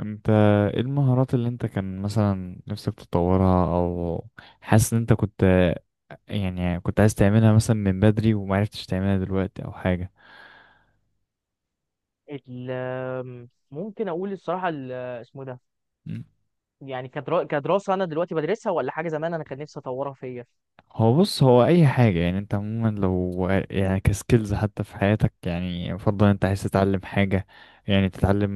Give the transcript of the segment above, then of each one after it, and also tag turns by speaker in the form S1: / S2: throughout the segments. S1: انت، ايه المهارات اللي انت كان مثلا نفسك تطورها او حاسس ان انت كنت؟ يعني كنت عايز تعملها مثلا من بدري ومعرفتش تعملها دلوقتي او حاجة؟
S2: ممكن اقول الصراحه اسمه ده.
S1: مم.
S2: يعني كدراسه انا دلوقتي بدرسها ولا حاجه زمان انا كان نفسي اطورها فيا.
S1: هو بص، هو اي حاجة يعني انت عموما لو يعني كسكيلز حتى في حياتك، يعني يفضل انت عايز تتعلم حاجة، يعني تتعلم،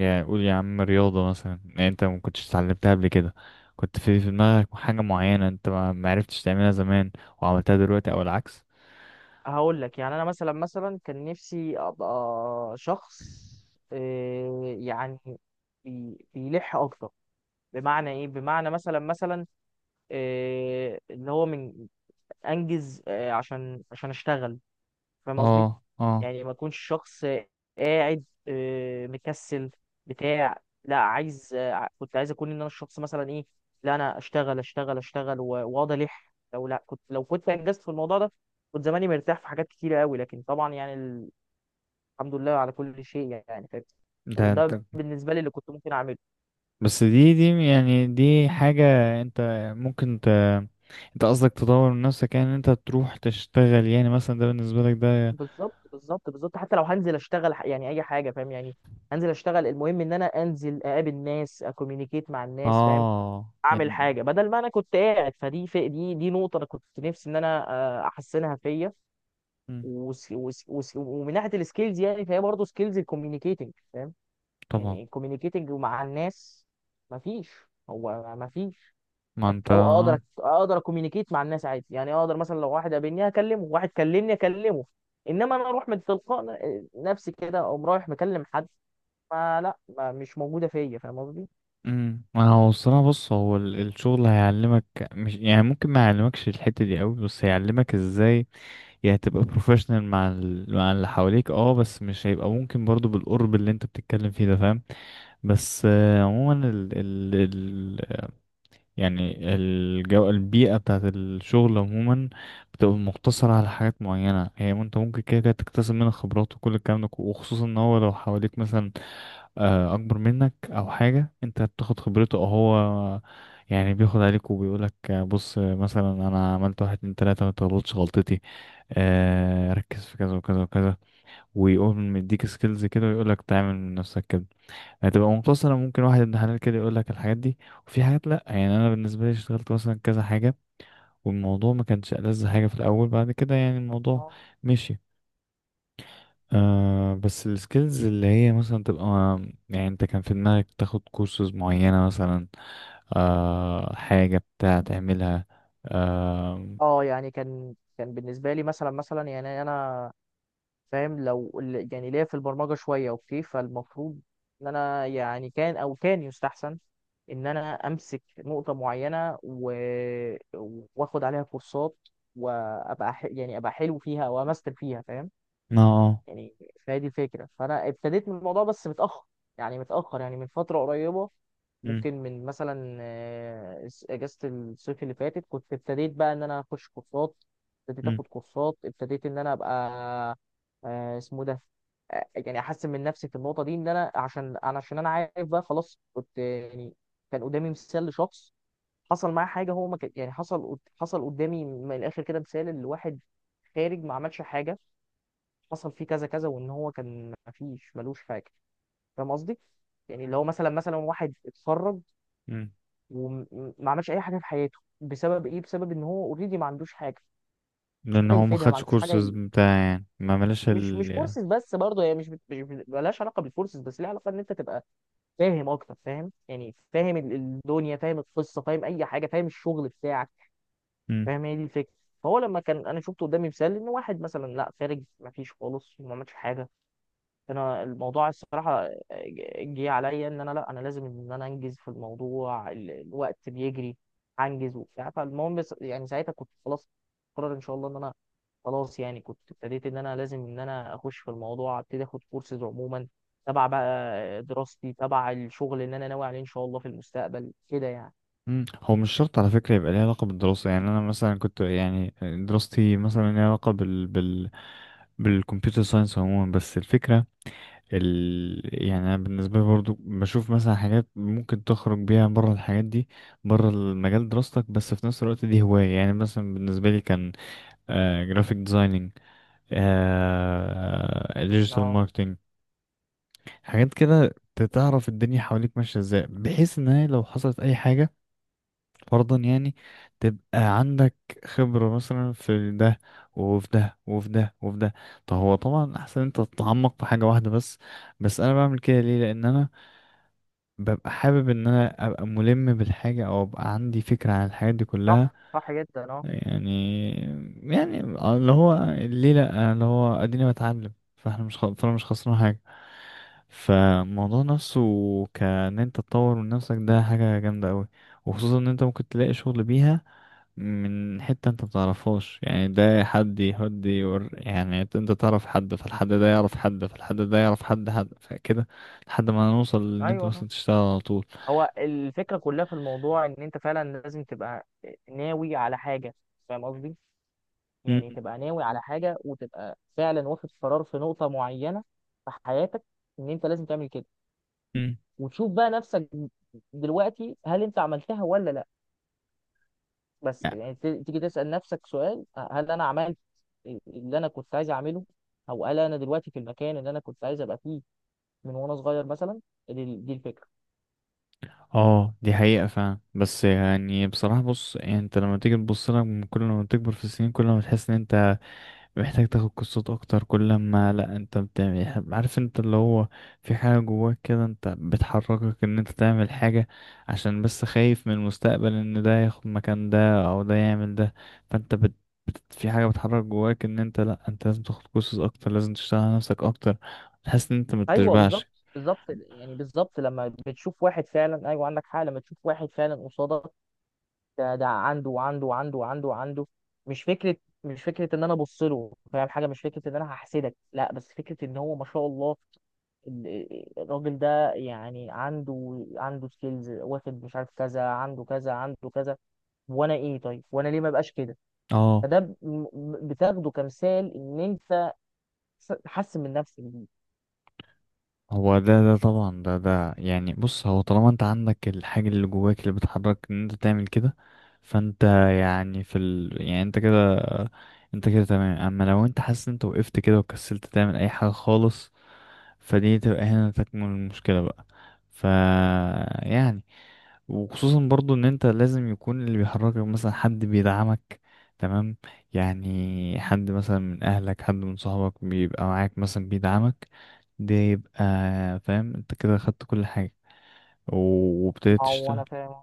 S1: يعني قول يا عم رياضة مثلا، يعني انت ما كنتش اتعلمتها قبل كده، كنت في دماغك حاجة معينة انت ما معرفتش تعملها زمان وعملتها دلوقتي او العكس.
S2: هقول لك، يعني انا مثلا كان نفسي ابقى شخص، يعني بيلح اكتر. بمعنى ايه؟ بمعنى مثلا اللي هو من انجز، عشان اشتغل، فاهم قصدي؟
S1: اه اه.
S2: يعني ما اكونش شخص قاعد، مكسل، بتاع لا عايز. كنت عايز اكون ان انا الشخص مثلا ايه؟ لا انا اشتغل واقعد الح لو لا كنت، لو كنت انجزت في الموضوع ده، كنت زماني مرتاح في حاجات كتيره قوي. لكن طبعا يعني الحمد لله على كل شيء، يعني
S1: ده
S2: فاهم.
S1: انت،
S2: ده بالنسبه لي اللي كنت ممكن اعمله.
S1: بس دي يعني دي حاجة انت ممكن انت قصدك تطور من نفسك، يعني ان انت تروح تشتغل، يعني مثلا ده بالنسبة لك ده.
S2: بالظبط بالظبط بالظبط. حتى لو هنزل اشتغل، يعني اي حاجه، فاهم يعني؟ هنزل اشتغل، المهم ان انا انزل اقابل ناس، اكوميونيكيت مع الناس، فاهم؟
S1: اه
S2: اعمل
S1: يعني.
S2: حاجه بدل ما انا كنت قاعد. فدي في دي نقطه انا كنت نفسي ان انا احسنها فيا.
S1: مم،
S2: وس وس وس ومن ناحيه السكيلز، يعني فهي برضه سكيلز الكوميونيكيتنج، فاهم؟
S1: طبعا.
S2: يعني الكوميونيكيتنج مع الناس مفيش، مفيش
S1: ما انت.
S2: أو اقدر. اكوميونيكيت مع الناس عادي، يعني اقدر مثلا لو واحد قابلني اكلمه، واحد كلمني اكلمه، انما انا اروح من تلقاء نفسي كده اقوم رايح مكلم حد، ما لا ما مش موجوده فيا، فاهم قصدي؟
S1: مم، ما هو الصراحة بص، هو الشغل هيعلمك، مش يعني ممكن ما يعلمكش الحتة دي قوي، بس هيعلمك ازاي يعني تبقى بروفيشنال مع مع اللي حواليك، اه بس مش هيبقى ممكن برضو بالقرب اللي انت بتتكلم فيه ده، فاهم؟ بس عموما يعني الجو، البيئة بتاعت الشغل عموما بتبقى مقتصرة على حاجات معينة، هي ما انت ممكن كده كده تكتسب منها خبرات وكل الكلام ده، وخصوصا ان هو لو حواليك مثلا أكبر منك أو حاجة، انت بتاخد خبرته، أو هو يعني بياخد عليك وبيقولك بص، مثلا أنا عملت واحد اتنين تلاتة، متغلطش غلطتي، ركز في كذا وكذا وكذا، ويقوم مديك سكيلز كده ويقولك تعمل من نفسك كده. هتبقى مقتصرة، ممكن واحد ابن حلال كده يقول لك الحاجات دي، وفي حاجات لأ. يعني أنا بالنسبة لي اشتغلت مثلا كذا حاجة والموضوع ما كانش ألذ حاجة في الأول، بعد كده يعني الموضوع مشي. آه بس السكيلز اللي هي مثلا تبقى، يعني أنت كان في دماغك تاخد كورسز معينة مثلا، آه حاجة بتاع تعملها، آه.
S2: اه يعني كان بالنسبه لي مثلا، يعني انا فاهم لو يعني ليا في البرمجه شويه، اوكي، فالمفروض ان انا يعني كان، او كان يستحسن ان انا امسك نقطه معينه واخد عليها كورسات، وابقى يعني ابقى حلو فيها او امستر فيها، فاهم
S1: اه آه.
S2: يعني؟ فهي دي الفكرة. فأنا ابتديت من الموضوع بس متأخر، يعني متأخر، يعني من فترة قريبة.
S1: مم.
S2: ممكن من مثلا أجازة الصيف اللي فاتت كنت ابتديت بقى إن أنا أخش كورسات. ابتديت
S1: مم.
S2: آخد كورسات، ابتديت إن أنا أبقى اسمه ده، يعني أحسن من نفسي في النقطة دي. إن أنا عشان أنا عارف بقى، خلاص كنت يعني كان قدامي مثال لشخص حصل معاه حاجة. هو ما كان يعني حصل قدامي من الآخر كده مثال لواحد خارج ما عملش حاجة. حصل فيه كذا كذا، وان هو كان مفيش ملوش حاجه، فاهم قصدي؟ يعني اللي هو مثلا واحد اتخرج
S1: مم.
S2: وما عملش اي حاجه في حياته. بسبب ايه؟ بسبب ان هو اوريدي ما عندوش حاجه، مش
S1: لأن
S2: حاجه
S1: هو ما
S2: يفيدها، ما
S1: خدش
S2: عندوش حاجه
S1: كورسز،
S2: ي...
S1: بتاع يعني ما ملاش
S2: مش
S1: ال.
S2: كورسز بس، برضه هي مش بت... مش بت- ملهاش علاقه بالكورسز بس، ليها علاقه ان انت تبقى فاهم اكتر، فاهم يعني، فاهم الدنيا، فاهم القصه، فاهم اي حاجه، فاهم الشغل بتاعك، فاهم. هي دي الفكره. فهو لما كان انا شفت قدامي مثال ان واحد مثلا لا خارج ما فيش خالص وما عملش حاجه، انا الموضوع الصراحه جه عليا ان انا، لا انا لازم ان انا انجز في الموضوع، الوقت بيجري، هنجز وبتاع. فالمهم يعني ساعتها كنت خلاص قرر ان شاء الله ان انا خلاص، يعني كنت ابتديت ان انا لازم ان انا اخش في الموضوع، ابتدي اخد كورسز عموما تبع بقى دراستي، تبع الشغل اللي انا ناوي عليه ان شاء الله في المستقبل كده يعني.
S1: مم. هو مش شرط على فكرة يبقى ليه علاقة بالدراسة، يعني أنا مثلا كنت يعني دراستي مثلا ليها علاقة بال بالكمبيوتر ساينس عموما، بس الفكرة يعني أنا بالنسبة لي برضو بشوف مثلا حاجات ممكن تخرج بيها بره الحاجات دي، بره المجال دراستك، بس في نفس الوقت دي هواية. يعني مثلا بالنسبة لي كان آه جرافيك ديزايننج، آه ديجيتال
S2: اه
S1: ماركتنج، حاجات كده. تعرف الدنيا حواليك ماشية ازاي، بحيث ان هي لو حصلت اي حاجة فرضا يعني تبقى عندك خبرة مثلا في ده وفي ده وفي ده وفي ده. طب هو طبعا احسن انت تتعمق في حاجة واحدة بس، بس انا بعمل كده ليه؟ لان انا ببقى حابب ان انا ابقى ملم بالحاجة او ابقى عندي فكرة عن الحاجات دي كلها.
S2: صح، صح جدا، اه.
S1: يعني يعني اللي هو ليه؟ لأ، اللي هو اديني بتعلم، فاحنا مش خ... فانا مش خسران حاجة. فالموضوع نفسه كان انت تطور من نفسك، ده حاجة جامدة قوي، وخصوصا ان انت ممكن تلاقي شغل بيها من حتة انت متعرفهاش. يعني ده حد يهد يور، يعني انت تعرف حد فالحد ده يعرف حد فالحد ده يعرف حد حد فكده لحد ما نوصل ان انت
S2: ايوه صح،
S1: مثلا تشتغل على طول.
S2: هو الفكره كلها في الموضوع ان انت فعلا لازم تبقى ناوي على حاجه، فاهم قصدي؟
S1: م-
S2: يعني تبقى ناوي على حاجة، وتبقى فعلا واخد قرار في نقطة معينة في حياتك إن أنت لازم تعمل كده،
S1: م.
S2: وتشوف بقى نفسك دلوقتي هل أنت عملتها ولا لا. بس كده يعني تيجي تسأل نفسك سؤال، هل أنا عملت اللي أنا كنت عايز أعمله؟ أو هل أنا دلوقتي في المكان اللي أنا كنت عايز أبقى فيه من وأنا صغير مثلا؟ دي الفكرة.
S1: اه دي حقيقة فعلا، بس يعني بصراحة بص، يعني انت لما تيجي تبص لها، من كل ما تكبر في السنين كل ما تحس ان انت محتاج تاخد كورسات اكتر، كل ما لا انت بتعمل، عارف انت اللي هو في حاجة جواك كده انت بتحركك ان انت تعمل حاجة، عشان بس خايف من المستقبل ان ده ياخد مكان ده او ده يعمل ده. فانت بت في حاجة بتحرك جواك ان انت لا انت لازم تاخد كورسات اكتر، لازم تشتغل على نفسك اكتر، تحس ان انت
S2: أيوه
S1: متشبعش.
S2: بالظبط، بالظبط يعني، بالظبط. لما بتشوف واحد فعلا، أيوه عندك حق، لما تشوف واحد فعلا قصادك ده عنده وعنده وعنده وعنده وعنده، مش فكره، مش فكره ان انا ابص له فاهم حاجه، مش فكره ان انا هحسدك، لا، بس فكره ان هو ما شاء الله الراجل ده يعني عنده سكيلز واخد مش عارف كذا، عنده كذا، عنده كذا، وانا ايه؟ طيب وانا ليه ما بقاش كده؟
S1: اه
S2: فده بتاخده كمثال ان انت تحسن من نفسك بيه.
S1: هو ده ده طبعا ده ده، يعني بص هو طالما انت عندك الحاجة اللي جواك اللي بتحرك ان انت تعمل كده، فانت يعني في يعني انت كده، انت كده تمام. اما لو انت حاسس ان انت وقفت كده وكسلت تعمل اي حاجة خالص، فدي تبقى هنا تكمن المشكلة بقى. ف، يعني وخصوصا برضو ان انت لازم يكون اللي بيحركك مثلا حد بيدعمك، تمام؟ يعني حد مثلا من اهلك، حد من صحابك بيبقى معاك مثلا بيدعمك، ده يبقى فاهم انت كده خدت كل حاجة وابتديت
S2: او
S1: تشتغل.
S2: انا فاهم،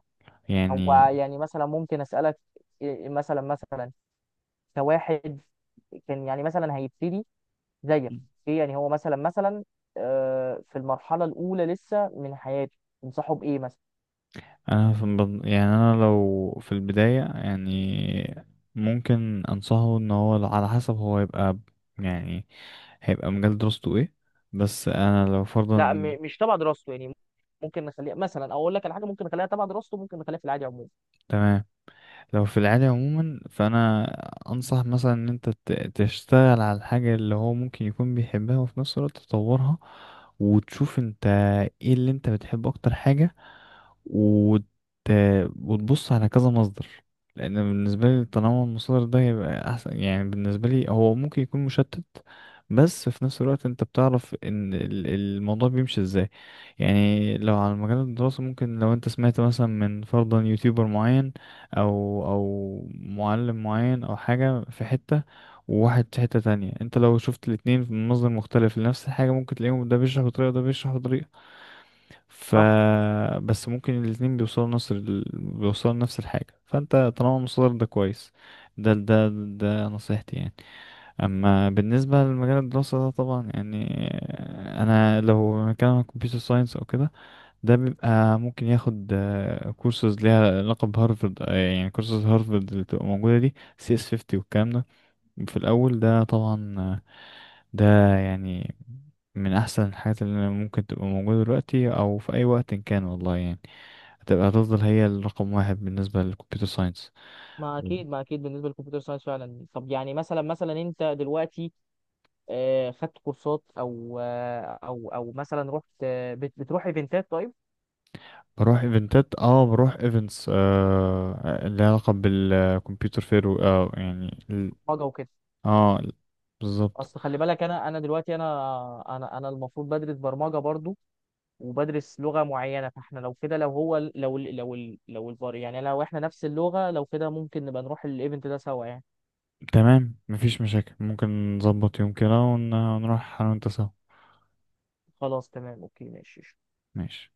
S2: او
S1: يعني
S2: يعني مثلا ممكن اسالك مثلا، كواحد كان يعني مثلا هيبتدي زيك، ايه؟ يعني هو مثلا في المرحله الاولى لسه من حياته، تنصحه بايه مثلا؟
S1: انا يعني انا لو في البداية يعني ممكن انصحه ان هو على حسب هو يبقى يعني هيبقى مجال دراسته ايه، بس انا لو
S2: لا
S1: فرضا.
S2: مش تبع دراسته يعني. ممكن نخليها مثلا، او اقول لك على حاجه، ممكن نخليها تبع دراسته، ممكن نخليها في العادي عموما.
S1: تمام. لو في العادي عموما فانا انصح مثلا ان انت تشتغل على الحاجة اللي هو ممكن يكون بيحبها وفي نفس الوقت تطورها، وتشوف انت ايه اللي انت بتحب اكتر حاجة، وت... وتبص على كذا مصدر، لان بالنسبة لي تنوع المصادر ده يبقى احسن. يعني بالنسبة لي هو ممكن يكون مشتت، بس في نفس الوقت انت بتعرف ان الموضوع بيمشي ازاي. يعني لو على مجال الدراسة، ممكن لو انت سمعت مثلا من فرضا يوتيوبر معين او او معلم معين او حاجة في حتة، وواحد في حتة تانية، انت لو شفت الاتنين من مصدر مختلف لنفس الحاجة ممكن تلاقيهم ده بيشرح بطريقة وده بيشرح بطريقة، ف،
S2: صح،
S1: بس ممكن الاتنين بيوصلوا نفس بيوصلوا نفس الحاجة، فانت طالما المصدر ده كويس، ده ده ده نصيحتي يعني. اما بالنسبة لمجال الدراسة ده طبعا يعني انا لو مكان كمبيوتر ساينس او كده، ده بيبقى ممكن ياخد كورسز ليها علاقة بهارفرد، يعني كورسز هارفرد اللي بتبقى موجودة دي سي اس 50 والكلام ده في الأول، ده طبعا ده يعني من أحسن الحاجات اللي ممكن تبقى موجودة دلوقتي أو في أي وقت إن كان، والله يعني هتبقى، هتفضل هي الرقم واحد بالنسبة للكمبيوتر ساينس.
S2: ما اكيد، بالنسبه للكمبيوتر ساينس فعلا. طب يعني مثلا انت دلوقتي خدت كورسات او مثلا رحت، بتروح ايفنتات، طيب؟
S1: بروح ايفنتات اه، بروح ايفنتس آه اللي لها علاقة بالكمبيوتر، اه يعني
S2: برمجه وكده.
S1: اه بالظبط.
S2: اصل خلي بالك انا، انا دلوقتي انا انا انا المفروض بدرس برمجه برضو، وبدرس لغة معينة، فاحنا لو كده، لو هو، لو لو الفار يعني لو احنا نفس اللغة، لو كده ممكن نبقى نروح الايفنت ده سوا يعني.
S1: تمام، مفيش مشاكل، ممكن نظبط يوم كده ونروح انا وانت سوا.
S2: خلاص تمام اوكي ماشي.
S1: ماشي.